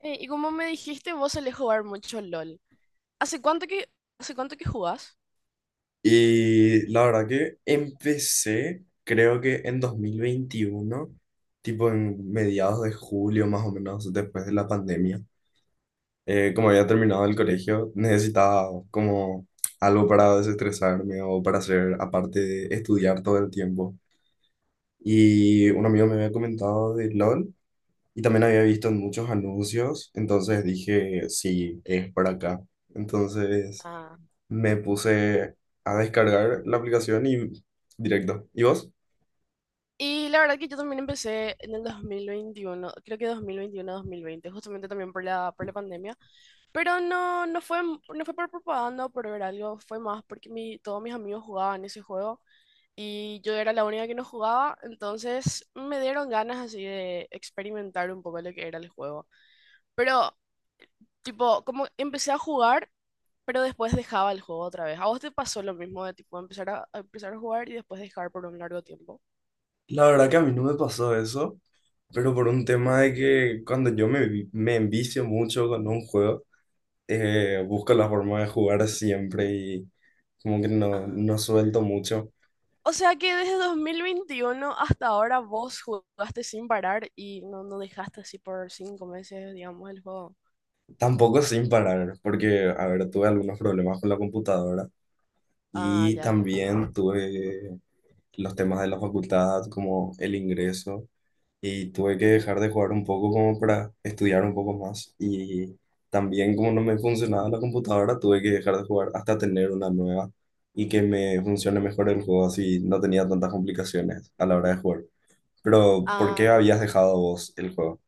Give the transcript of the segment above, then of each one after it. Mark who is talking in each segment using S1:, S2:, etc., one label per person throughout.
S1: Y como me dijiste, vos solés jugar mucho LOL. ¿Hace cuánto que, hace cuánto que jugás?
S2: Y la verdad que empecé, creo que en 2021 tipo en mediados de julio más o menos, después de la pandemia. Como había terminado el colegio, necesitaba como algo para desestresarme o para hacer, aparte de estudiar todo el tiempo. Y un amigo me había comentado de LOL y también había visto en muchos anuncios, entonces dije, sí, es por acá. Entonces
S1: Ah,
S2: me puse a descargar la aplicación y directo. ¿Y vos?
S1: y la verdad que yo también empecé en el 2021, creo que 2021-2020, justamente también por la pandemia. Pero no fue por propaganda o por ver algo, fue más porque todos mis amigos jugaban ese juego y yo era la única que no jugaba, entonces me dieron ganas así de experimentar un poco lo que era el juego. Pero tipo, como empecé a jugar, pero después dejaba el juego otra vez. ¿A vos te pasó lo mismo de tipo empezar a jugar y después dejar por un largo tiempo?
S2: La verdad que a mí no me pasó eso, pero por un tema de que cuando yo me envicio mucho con un juego, busco la forma de jugar siempre y como que
S1: Ah.
S2: no suelto mucho.
S1: O sea que desde 2021 hasta ahora vos jugaste sin parar y no dejaste así por cinco meses, digamos, el juego.
S2: Tampoco sin parar, porque, a ver, tuve algunos problemas con la computadora
S1: Ah,
S2: y
S1: ya, ya.
S2: también tuve los temas de la facultad, como el ingreso. Y tuve que
S1: Ujú.
S2: dejar de jugar un poco como para estudiar un poco más. Y también como no me funcionaba la computadora, tuve que dejar de jugar hasta tener una nueva y que me funcione mejor el juego, así no tenía tantas complicaciones a la hora de jugar. Pero, ¿por qué
S1: Ah,
S2: habías dejado vos el juego?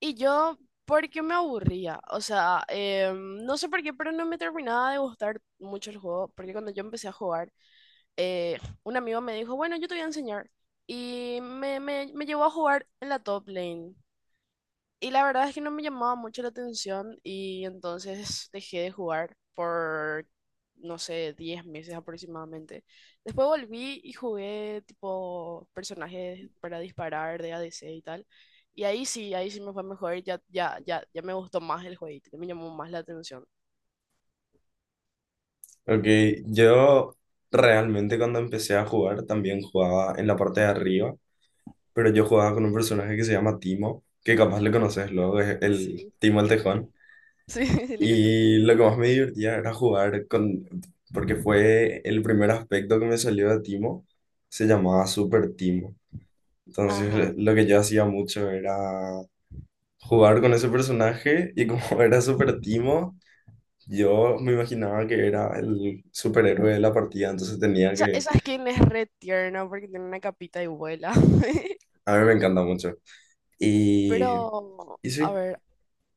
S1: y yo, porque me aburría, o sea, no sé por qué, pero no me terminaba de gustar mucho el juego, porque cuando yo empecé a jugar, eh, un amigo me dijo, bueno, yo te voy a enseñar. Y me llevó a jugar en la top lane. Y la verdad es que no me llamaba mucho la atención y entonces dejé de jugar por, no sé, 10 meses aproximadamente. Después volví y jugué tipo personajes para disparar de A D C y tal. Y ahí sí me fue mejor, ya me gustó más el jueguito, ya me llamó más la atención.
S2: Ok, yo realmente cuando empecé a jugar también jugaba en la parte de arriba, pero yo jugaba con un personaje que se llama Timo, que capaz le conoces luego, es el
S1: Sí.
S2: Timo el Tejón.
S1: Sí, sí le conozco.
S2: Y lo que más me divertía era jugar con, porque fue el primer aspecto que me salió de Timo, se llamaba Super Timo.
S1: Ajá.
S2: Entonces lo que yo hacía mucho era jugar con ese personaje y como era Super Timo, yo me imaginaba que era el superhéroe de la partida, entonces tenía
S1: Esa,
S2: que,
S1: esa skin es re tierna porque tiene una capita y vuela.
S2: a mí me encanta mucho.
S1: Pero,
S2: Y, y
S1: a
S2: sí,
S1: ver,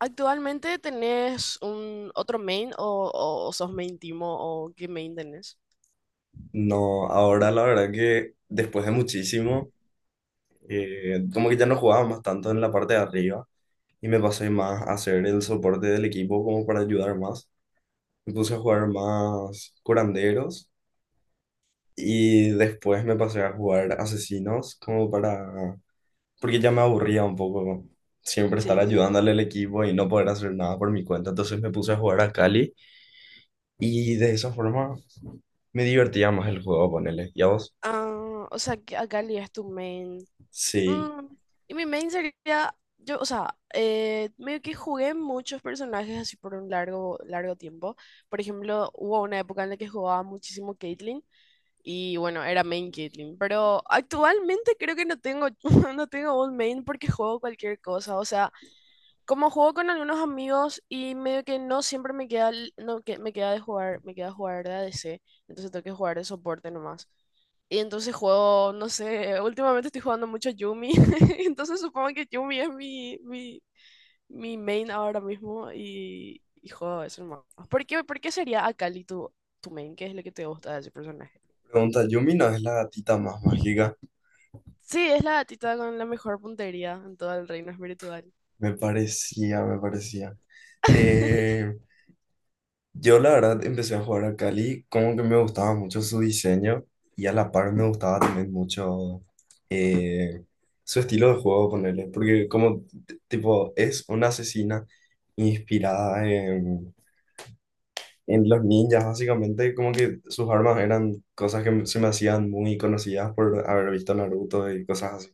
S1: ¿actualmente tenés un otro main o, o sos main Timo o qué main tenés?
S2: no, ahora la verdad que después de muchísimo, como que ya no jugaba más tanto en la parte de arriba y me pasé más a hacer el soporte del equipo como para ayudar más. Me puse
S1: Ujú.
S2: a jugar más curanderos y después me pasé a jugar asesinos como para... Porque ya me aburría un poco siempre estar
S1: Sí.
S2: ayudándole al equipo y no poder hacer nada por mi cuenta. Entonces me puse a jugar a Cali y de esa forma me divertía más el juego, ponele. ¿Y a vos?
S1: Ah, o sea, que Akali es tu main.
S2: Sí.
S1: Mm, y mi main sería, yo, o sea, medio que jugué muchos personajes así por un largo, largo tiempo. Por ejemplo, hubo una época en la que jugaba muchísimo Caitlyn y bueno, era main Caitlyn. Pero actualmente creo que no tengo, no tengo un main porque juego cualquier cosa. O sea, como juego con algunos amigos y medio que no siempre me queda, el- no, que me queda de jugar, me queda jugar de ADC, entonces tengo que jugar de soporte nomás. Y entonces juego, no sé, últimamente estoy jugando mucho Yumi. Entonces supongo que Yumi es mi main ahora mismo y juego eso nomás. ¿Por qué sería Akali tu, tu main? ¿Qué es lo que te gusta de ese personaje?
S2: Pregunta, Yumi no es la gatita más mágica.
S1: Sí, es la gatita con la mejor puntería en todo el reino espiritual.
S2: Me parecía, me parecía. Eh, Yo la verdad empecé a jugar a Cali, como que me gustaba mucho su diseño y a la par me gustaba también mucho eh, su estilo de juego, ponerle, porque como tipo es una asesina inspirada en los ninjas, básicamente como que sus armas eran cosas que se me hacían muy conocidas por haber visto Naruto y cosas así.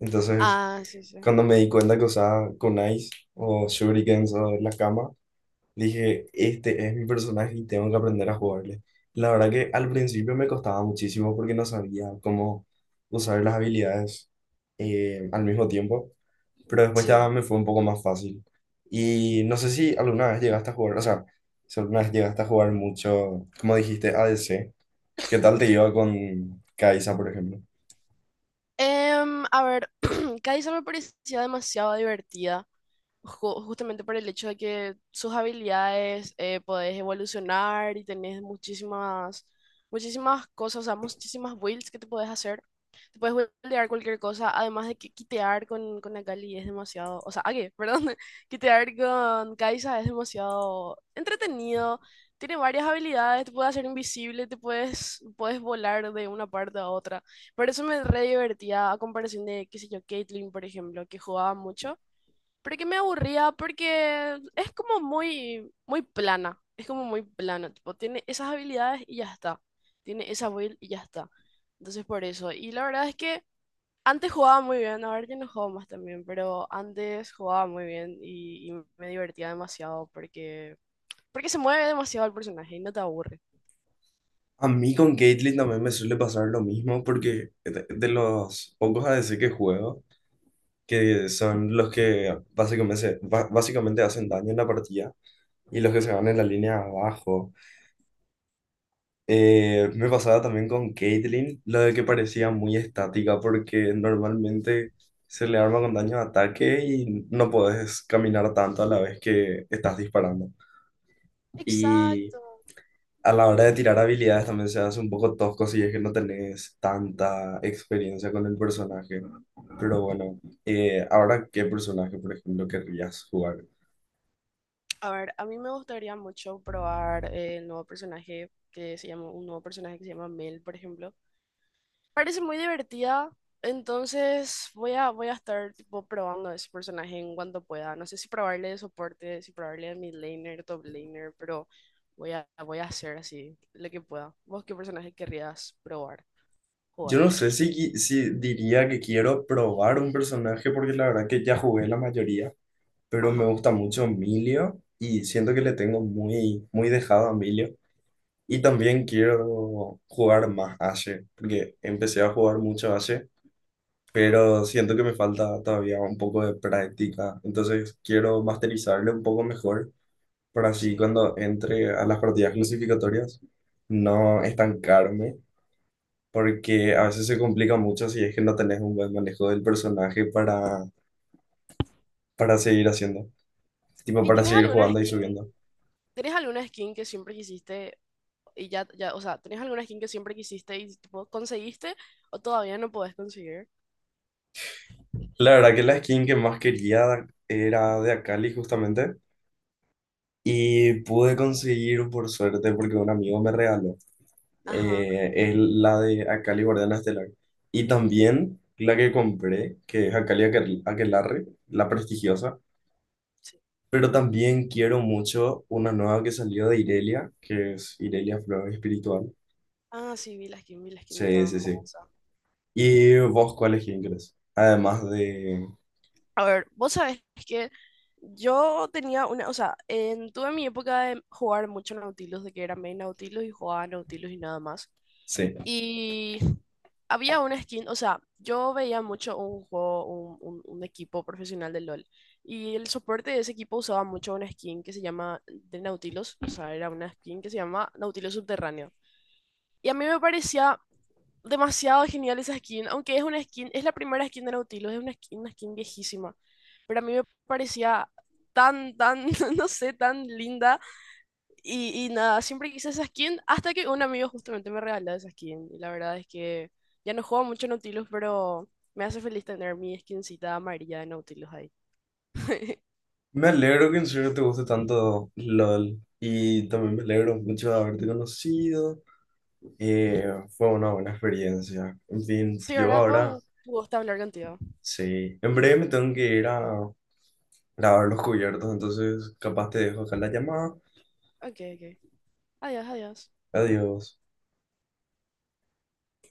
S2: Entonces,
S1: Ah, sí, sí.
S2: cuando me di cuenta que usaba kunais o shurikens o la dije, este es mi personaje y tengo que aprender a jugarle. La verdad que al principio me costaba muchísimo porque no sabía cómo usar las habilidades al mismo tiempo, pero después
S1: Sí.
S2: ya me fue un poco más fácil. Y no sé si alguna vez llegaste a jugar, o sea, si alguna vez llegaste a jugar mucho, como dijiste, ADC, ¿qué tal te iba con Kai'Sa, por ejemplo?
S1: A ver, Kaisa me parecía demasiado divertida, justamente por el hecho de que sus habilidades podés evolucionar y tenés muchísimas, muchísimas cosas, o sea, muchísimas builds que te podés hacer. Te puedes buildear cualquier cosa, además de que quitear con Akali es demasiado, o sea, Age, perdón, quitear con Kai'Sa es demasiado entretenido. Tiene varias habilidades, te puede hacer invisible, te puedes, puedes volar de una parte a otra. Por eso me re divertía a comparación de, qué sé yo, Caitlyn, por ejemplo, que jugaba mucho porque me aburría, porque es como muy, muy plana. Es como muy plana. Tipo, tiene esas habilidades y ya está. Tiene esa build y ya está. Entonces, por eso. Y la verdad es que antes jugaba muy bien. Ahora ya no juego más también. Pero antes jugaba muy bien y me divertía demasiado porque, porque se mueve demasiado el personaje y no te aburre.
S2: A mí con Caitlyn también me suele pasar lo mismo porque de los pocos ADC que juego, que son los que básicamente, básicamente hacen daño en la partida y los que se van en la línea abajo. Me pasaba también con Caitlyn, lo de que parecía muy estática porque normalmente se le arma con daño de ataque y no podés caminar tanto a la vez que estás disparando. Y
S1: Exacto.
S2: a la hora de tirar habilidades también se hace un poco tosco si es que no tenés tanta experiencia con el personaje. Pero bueno, ahora, ¿qué personaje, por ejemplo, querrías jugar?
S1: A ver, a mí me gustaría mucho probar el nuevo personaje que se llama, un nuevo personaje que se llama Mel, por ejemplo. Parece muy divertida, entonces voy a, voy a estar tipo probando a ese personaje en cuanto pueda. No sé si probarle de soporte, si probarle de mid laner, top laner, pero voy a, voy a hacer así lo que pueda. ¿Vos qué personaje querrías probar,
S2: Yo
S1: jugar?
S2: no sé si diría que quiero probar un personaje porque la verdad que ya jugué la mayoría, pero me
S1: Ajá,
S2: gusta mucho Emilio y siento que le tengo muy, muy dejado a Emilio. Y también quiero jugar más Ashe, porque empecé a jugar mucho Ashe,
S1: ajá,
S2: pero siento que me falta todavía un poco de práctica. Entonces quiero masterizarle un poco mejor para así
S1: sí.
S2: cuando entre a las partidas clasificatorias no estancarme porque a veces se complica mucho si es que no tenés un buen manejo del personaje para seguir haciendo, tipo
S1: ¿Y
S2: para seguir jugando y subiendo.
S1: tenés alguna skin que siempre quisiste y ya, ya, o sea, tenés alguna skin que siempre quisiste y tipo conseguiste o todavía no podés conseguir?
S2: La verdad que la skin que más quería era de Akali justamente y pude conseguir por suerte porque un amigo me regaló.
S1: Ajá,
S2: Es la de Akali Guardiana Estelar y también la que compré, que es Akali Aquelarre, la prestigiosa.
S1: sí.
S2: Pero también quiero mucho una nueva que salió de Irelia, que es Irelia Flor Espiritual.
S1: Ah, sí, vi la skin, está
S2: Sí, sí, sí.
S1: hermosa.
S2: ¿Y vos cuál es que inglés? Además de...
S1: A ver, vos sabés que yo tenía una, o sea, en, tuve mi época de jugar mucho Nautilus, de que era main Nautilus y jugaba Nautilus y nada más.
S2: Sí.
S1: Y había una skin, o sea, yo veía mucho un juego, un, un equipo profesional de LOL. Y el soporte de ese equipo usaba mucho una skin que se llama de Nautilus, o sea, era una skin que se llama Nautilus Subterráneo. Y a mí me parecía demasiado genial esa skin, aunque es una skin, es la primera skin de Nautilus, es una skin viejísima, pero a mí me parecía tan, tan, no sé, tan linda. Y nada, siempre quise esa skin hasta que un amigo justamente me regaló esa skin. Y la verdad es que ya no juego mucho Nautilus, pero me hace feliz tener mi skincita amarilla de Nautilus ahí.
S2: Me alegro que en serio te guste tanto LOL. Y también me alegro mucho de haberte conocido. Eh, Fue una buena experiencia. En fin,
S1: Sí,
S2: yo
S1: ¿verdad? Fue
S2: ahora,
S1: un gusto hablar contigo.
S2: sí. En breve me tengo que ir a grabar los cubiertos, entonces capaz te dejo acá la llamada.
S1: Ok, ok. Adiós, adiós.
S2: Adiós.